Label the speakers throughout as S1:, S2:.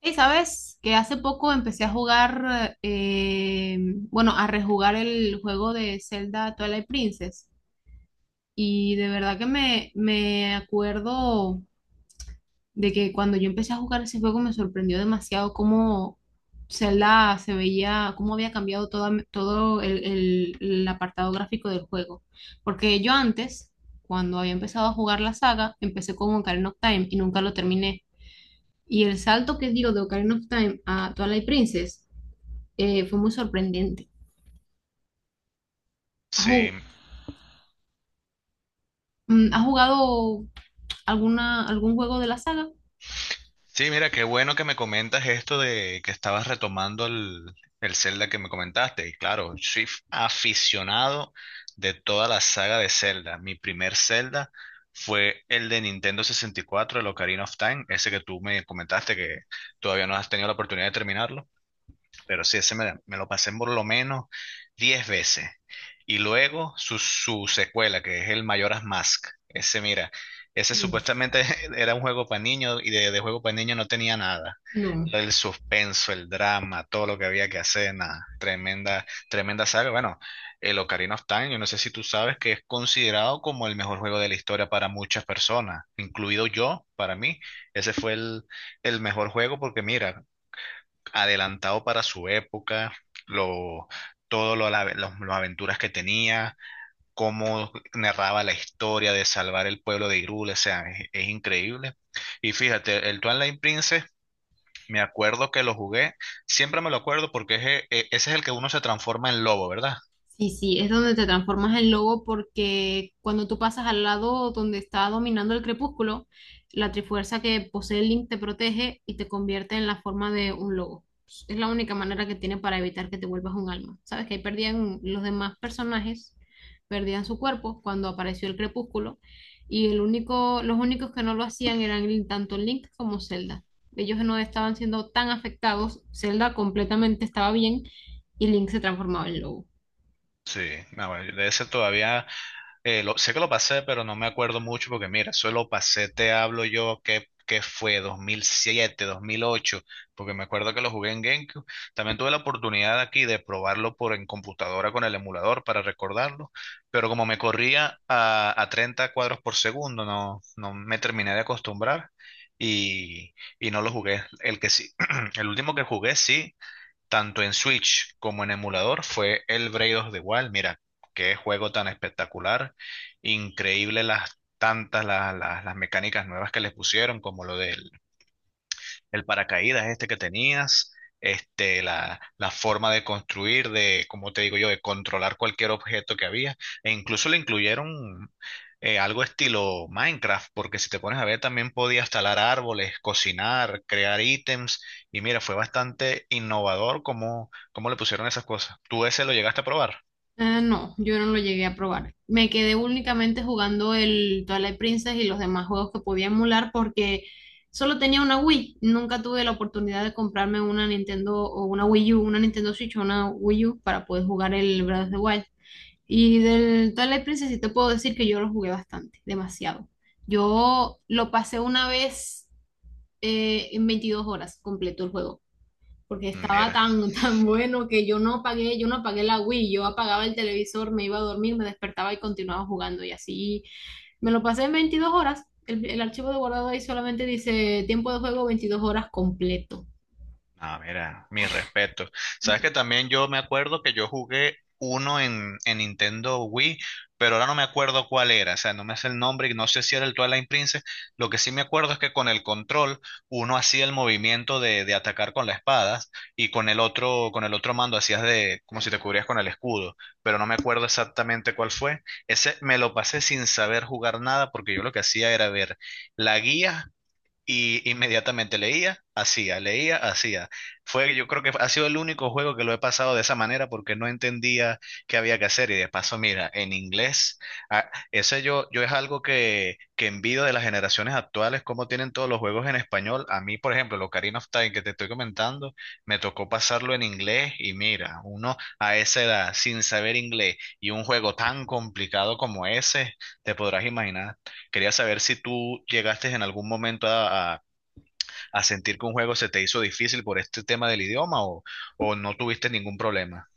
S1: Y sabes que hace poco empecé a jugar, bueno, a rejugar el juego de Zelda Twilight Princess. Y de verdad que me acuerdo de que cuando yo empecé a jugar ese juego me sorprendió demasiado cómo Zelda se veía, cómo había cambiado todo el apartado gráfico del juego. Porque yo antes, cuando había empezado a jugar la saga, empecé con Ocarina of Time y nunca lo terminé. Y el salto que dio de Ocarina of Time a Twilight Princess fue muy sorprendente. ¿Has,
S2: Sí,
S1: ju- has jugado algún juego de la saga?
S2: sí, mira, qué bueno que me comentas esto de que estabas retomando el Zelda que me comentaste. Y claro, soy aficionado de toda la saga de Zelda. Mi primer Zelda fue el de Nintendo 64, el Ocarina of Time, ese que tú me comentaste que todavía no has tenido la oportunidad de terminarlo. Pero sí, me lo pasé por lo menos 10 veces. Y luego su secuela, que es el Majora's Mask. Ese, mira, ese
S1: Uf.
S2: supuestamente era un juego para niños y de juego para niños no tenía nada.
S1: No.
S2: Lo del suspenso, el drama, todo lo que había que hacer, nada. Tremenda, tremenda saga. Bueno, el Ocarina of Time, yo no sé si tú sabes que es considerado como el mejor juego de la historia para muchas personas, incluido yo, para mí. Ese fue el mejor juego porque mira, adelantado para su época, lo, todo lo, las aventuras que tenía, cómo narraba la historia de salvar el pueblo de Hyrule, o sea, es increíble. Y fíjate, el Twilight Princess, me acuerdo que lo jugué, siempre me lo acuerdo porque ese es el que uno se transforma en lobo, ¿verdad?
S1: Sí, sí, es donde te transformas en lobo porque cuando tú pasas al lado donde está dominando el crepúsculo, la trifuerza que posee Link te protege y te convierte en la forma de un lobo. Es la única manera que tiene para evitar que te vuelvas un alma. Sabes que ahí perdían los demás personajes, perdían su cuerpo cuando apareció el crepúsculo y el único, los únicos que no lo hacían eran tanto Link como Zelda. Ellos no estaban siendo tan afectados, Zelda completamente estaba bien y Link se transformaba en lobo.
S2: Sí, no, de ese todavía sé que lo pasé, pero no me acuerdo mucho porque mira, eso lo pasé, te hablo yo, que fue 2007, 2008, porque me acuerdo que lo jugué en GameCube. También tuve la oportunidad aquí de probarlo por en computadora con el emulador para recordarlo, pero como me corría a 30 cuadros por segundo, no, no me terminé de acostumbrar y, y no lo jugué. El que sí, el último que jugué sí tanto en Switch como en emulador, fue el Braid of the Wild. Mira, qué juego tan espectacular, increíble las tantas las mecánicas nuevas que les pusieron, como lo del el paracaídas este que tenías, este, la forma de construir, de, como te digo yo, de controlar cualquier objeto que había, e incluso le incluyeron algo estilo Minecraft, porque si te pones a ver también podías talar árboles, cocinar, crear ítems, y mira, fue bastante innovador cómo le pusieron esas cosas. ¿Tú ese lo llegaste a probar?
S1: Ah, no, yo no lo llegué a probar. Me quedé únicamente jugando el Twilight Princess y los demás juegos que podía emular porque solo tenía una Wii. Nunca tuve la oportunidad de comprarme una Nintendo o una Wii U, una Nintendo Switch o una Wii U para poder jugar el Breath of the Wild. Y del Twilight Princess sí te puedo decir que yo lo jugué bastante, demasiado. Yo lo pasé una vez en 22 horas, completo el juego porque estaba
S2: Mira.
S1: tan, tan bueno que yo no apagué la Wii, yo apagaba el televisor, me iba a dormir, me despertaba y continuaba jugando y así me lo pasé en 22 horas. El archivo de guardado ahí solamente dice tiempo de juego 22 horas completo.
S2: Ah, mira, mi respeto. Sabes que también yo me acuerdo que yo jugué uno en Nintendo Wii, pero ahora no me acuerdo cuál era, o sea, no me hace el nombre y no sé si era el Twilight Princess. Lo que sí me acuerdo es que con el control uno hacía el movimiento de atacar con la espada y con el otro mando hacías de como si te cubrías con el escudo, pero no me acuerdo exactamente cuál fue. Ese me lo pasé sin saber jugar nada porque yo lo que hacía era ver la guía y inmediatamente leía, hacía, leía, hacía. Fue, yo creo que ha sido el único juego que lo he pasado de esa manera porque no entendía qué había que hacer. Y de paso, mira, en inglés, ah, yo es algo que envidio de las generaciones actuales, cómo tienen todos los juegos en español. A mí, por ejemplo, el Ocarina of Time que te estoy comentando, me tocó pasarlo en inglés. Y mira, uno a esa edad, sin saber inglés, y un juego tan complicado como ese, te podrás imaginar. Quería saber si tú llegaste en algún momento a sentir que un juego se te hizo difícil por este tema del idioma o no tuviste ningún problema.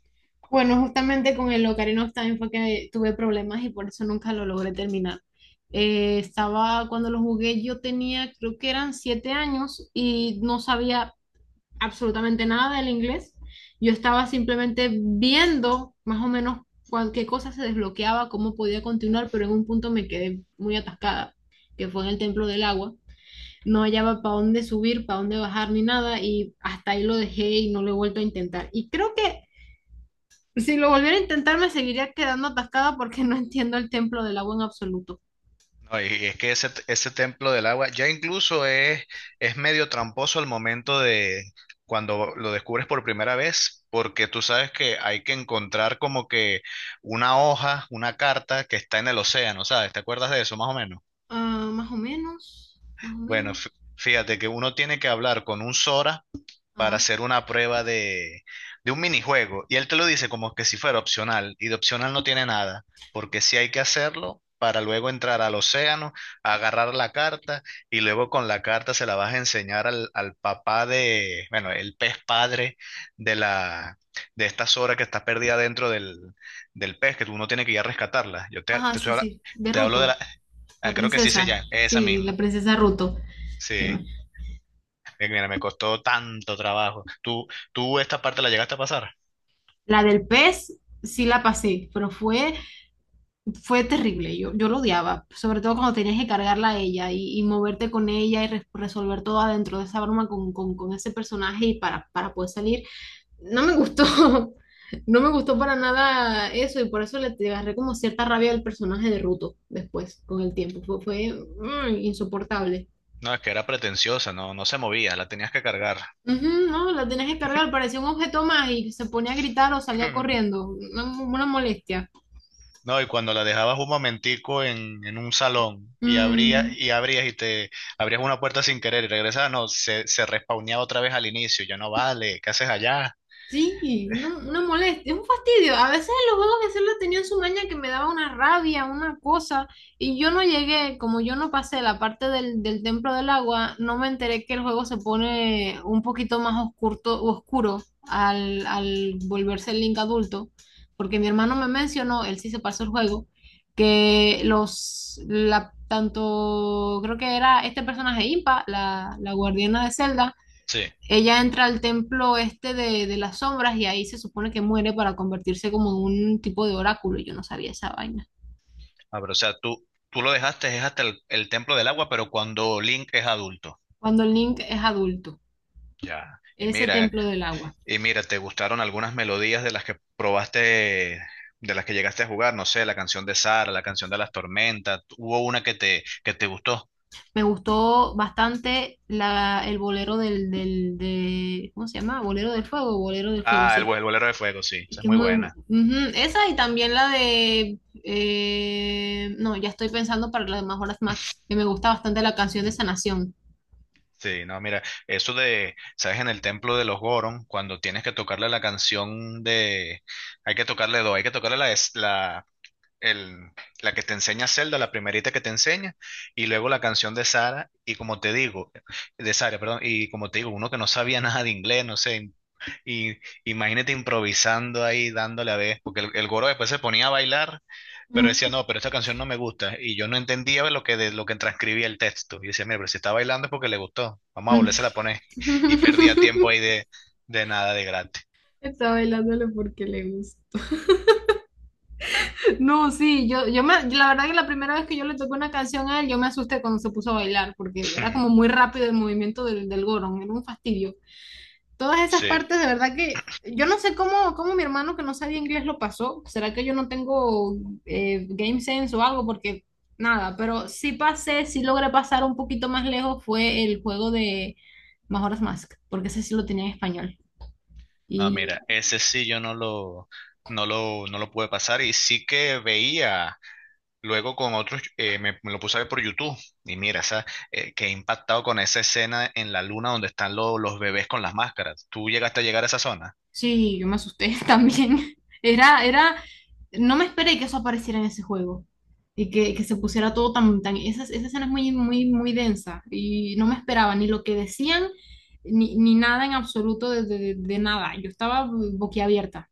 S1: Bueno, justamente con el Ocarina of Time fue que tuve problemas y por eso nunca lo logré terminar. Cuando lo jugué, yo tenía, creo que eran 7 años y no sabía absolutamente nada del inglés. Yo estaba simplemente viendo más o menos qué cosa se desbloqueaba, cómo podía continuar, pero en un punto me quedé muy atascada, que fue en el templo del agua. No hallaba para dónde subir, para dónde bajar ni nada y hasta ahí lo dejé y no lo he vuelto a intentar. Y creo que si lo volviera a intentar me seguiría quedando atascada porque no entiendo el templo del agua en absoluto.
S2: No, y es que ese templo del agua ya incluso es medio tramposo al momento de cuando lo descubres por primera vez, porque tú sabes que hay que encontrar como que una hoja, una carta que está en el océano, ¿sabes? ¿Te acuerdas de eso más o menos?
S1: Ah, más o menos, más o
S2: Bueno,
S1: menos.
S2: fíjate que uno tiene que hablar con un Sora para
S1: Ah,
S2: hacer una prueba de un minijuego. Y él te lo dice como que si fuera opcional, y de opcional no tiene nada, porque sí hay que hacerlo para luego entrar al océano, agarrar la carta, y luego con la carta se la vas a enseñar al papá de, bueno, el pez padre de la, de esta Sora que está perdida dentro del pez, que tú no tienes que ir a rescatarla. Yo te,
S1: ajá,
S2: te, estoy
S1: sí,
S2: habla-
S1: sí, de
S2: te hablo de
S1: Ruto,
S2: la,
S1: la
S2: ah, creo que sí se
S1: princesa.
S2: llama, esa
S1: Sí, la
S2: misma.
S1: princesa Ruto. Sí.
S2: Sí. Mira, me costó tanto trabajo. ¿Tú, tú esta parte la llegaste a pasar?
S1: La del pez sí la pasé, pero fue terrible. Yo lo odiaba, sobre todo cuando tenías que cargarla a ella y moverte con ella y resolver todo adentro de esa broma con ese personaje y para poder salir. No me gustó, no me gustó para nada eso y por eso le te agarré como cierta rabia al personaje de Ruto después, con el tiempo. Fue insoportable.
S2: No, es que era pretenciosa, no, no se movía, la tenías que cargar.
S1: Ujú, no, la tenías que cargar, parecía un objeto más y se ponía a gritar o salía corriendo. Una molestia.
S2: No, y cuando la dejabas un momentico en un salón y abrías
S1: Mm.
S2: y te abrías una puerta sin querer y regresabas, no, se respawneaba otra vez al inicio. Yo no vale, ¿qué haces allá?
S1: Sí, no, no moleste, es un fastidio. A veces en los juegos de celular tenían su maña que me daba una rabia, una cosa, y yo no llegué, como yo no pasé la parte del templo del agua, no me enteré que el juego se pone un poquito más oscuro al volverse el Link adulto, porque mi hermano me mencionó, él sí se pasó el juego, que creo que era este personaje Impa, la guardiana de Zelda,
S2: Sí.
S1: ella entra al templo este de las sombras y ahí se supone que muere para convertirse como en un tipo de oráculo. Yo no sabía esa vaina.
S2: Ah, pero o sea, tú lo dejaste, es hasta el templo del agua, pero cuando Link es adulto.
S1: Cuando Link es adulto,
S2: Ya.
S1: ese templo del agua.
S2: Y mira, ¿te gustaron algunas melodías de las que probaste, de las que llegaste a jugar? No sé, la canción de Sara, la canción de las tormentas. ¿Hubo una que que te gustó?
S1: Me gustó bastante el bolero ¿cómo se llama? Bolero del fuego,
S2: Ah,
S1: sí.
S2: el Bolero de Fuego, sí,
S1: Es
S2: esa es
S1: que es
S2: muy
S1: muy. Ujú.
S2: buena.
S1: Esa y también la de. No ya estoy pensando para las demás horas Max, que me gusta bastante la canción de Sanación.
S2: Sí, no, mira, eso de, ¿sabes? En el templo de los Goron, cuando tienes que tocarle la canción de, hay que tocarle dos, hay que tocarle el, la que te enseña Zelda, la primerita que te enseña, y luego la canción de Sara, y como te digo, de Sara, perdón, y como te digo, uno que no sabía nada de inglés, no sé, y imagínate improvisando ahí, dándole a ver, porque el Goro después se ponía a bailar, pero
S1: Ujú.
S2: decía, no, pero esta canción no me gusta. Y yo no entendía lo que transcribía el texto. Y decía, mira, pero si está bailando es porque le gustó. Vamos a volverse a poner. Y perdía tiempo ahí de nada de gratis.
S1: Está bailándolo porque le gusta. No, sí, yo la verdad que la primera vez que yo le toqué una canción a él, yo me asusté cuando se puso a bailar, porque era como muy rápido el movimiento del gorón, era un fastidio. Todas esas
S2: Sí.
S1: partes, de verdad que yo no sé cómo mi hermano que no sabía inglés lo pasó. ¿Será que yo no tengo game sense o algo? Porque nada, pero sí pasé, sí logré pasar un poquito más lejos fue el juego de Majora's Mask, porque ese sí lo tenía en español.
S2: No,
S1: Y
S2: mira, ese sí yo no lo pude pasar. Y sí que veía. Luego con otros, me lo puse a ver por YouTube y mira, esa, quedé impactado con esa escena en la luna donde están los bebés con las máscaras. ¿Tú llegaste a llegar a esa zona?
S1: sí, yo me asusté también. Era, era, no me esperé que eso apareciera en ese juego y que se pusiera todo. Esa escena es muy, muy, muy densa y no me esperaba ni lo que decían ni nada en absoluto de nada. Yo estaba boquiabierta,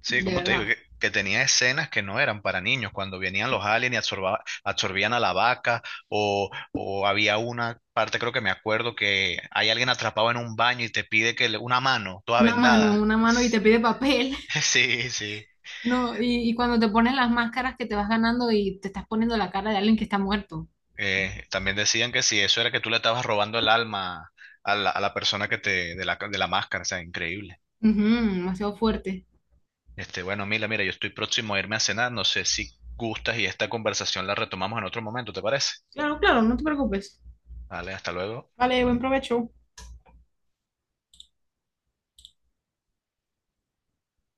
S2: Sí,
S1: de
S2: como te digo,
S1: verdad.
S2: que tenía escenas que no eran para niños, cuando venían los aliens y absorbían a la vaca o había una parte, creo que me acuerdo, que hay alguien atrapado en un baño y te pide que una mano toda vendada.
S1: Una mano y te pide papel,
S2: Sí, sí.
S1: ¿no? Y cuando te pones las máscaras que te vas ganando y te estás poniendo la cara de alguien que está muerto.
S2: También decían que si eso era que tú le estabas robando el alma a la persona que te, de la máscara, o sea, increíble.
S1: Ujú, demasiado fuerte.
S2: Este, bueno, mira, mira, yo estoy próximo a irme a cenar, no sé si gustas y esta conversación la retomamos en otro momento, ¿te parece?
S1: Claro, claro, no te preocupes.
S2: Vale, hasta luego.
S1: Vale, buen provecho.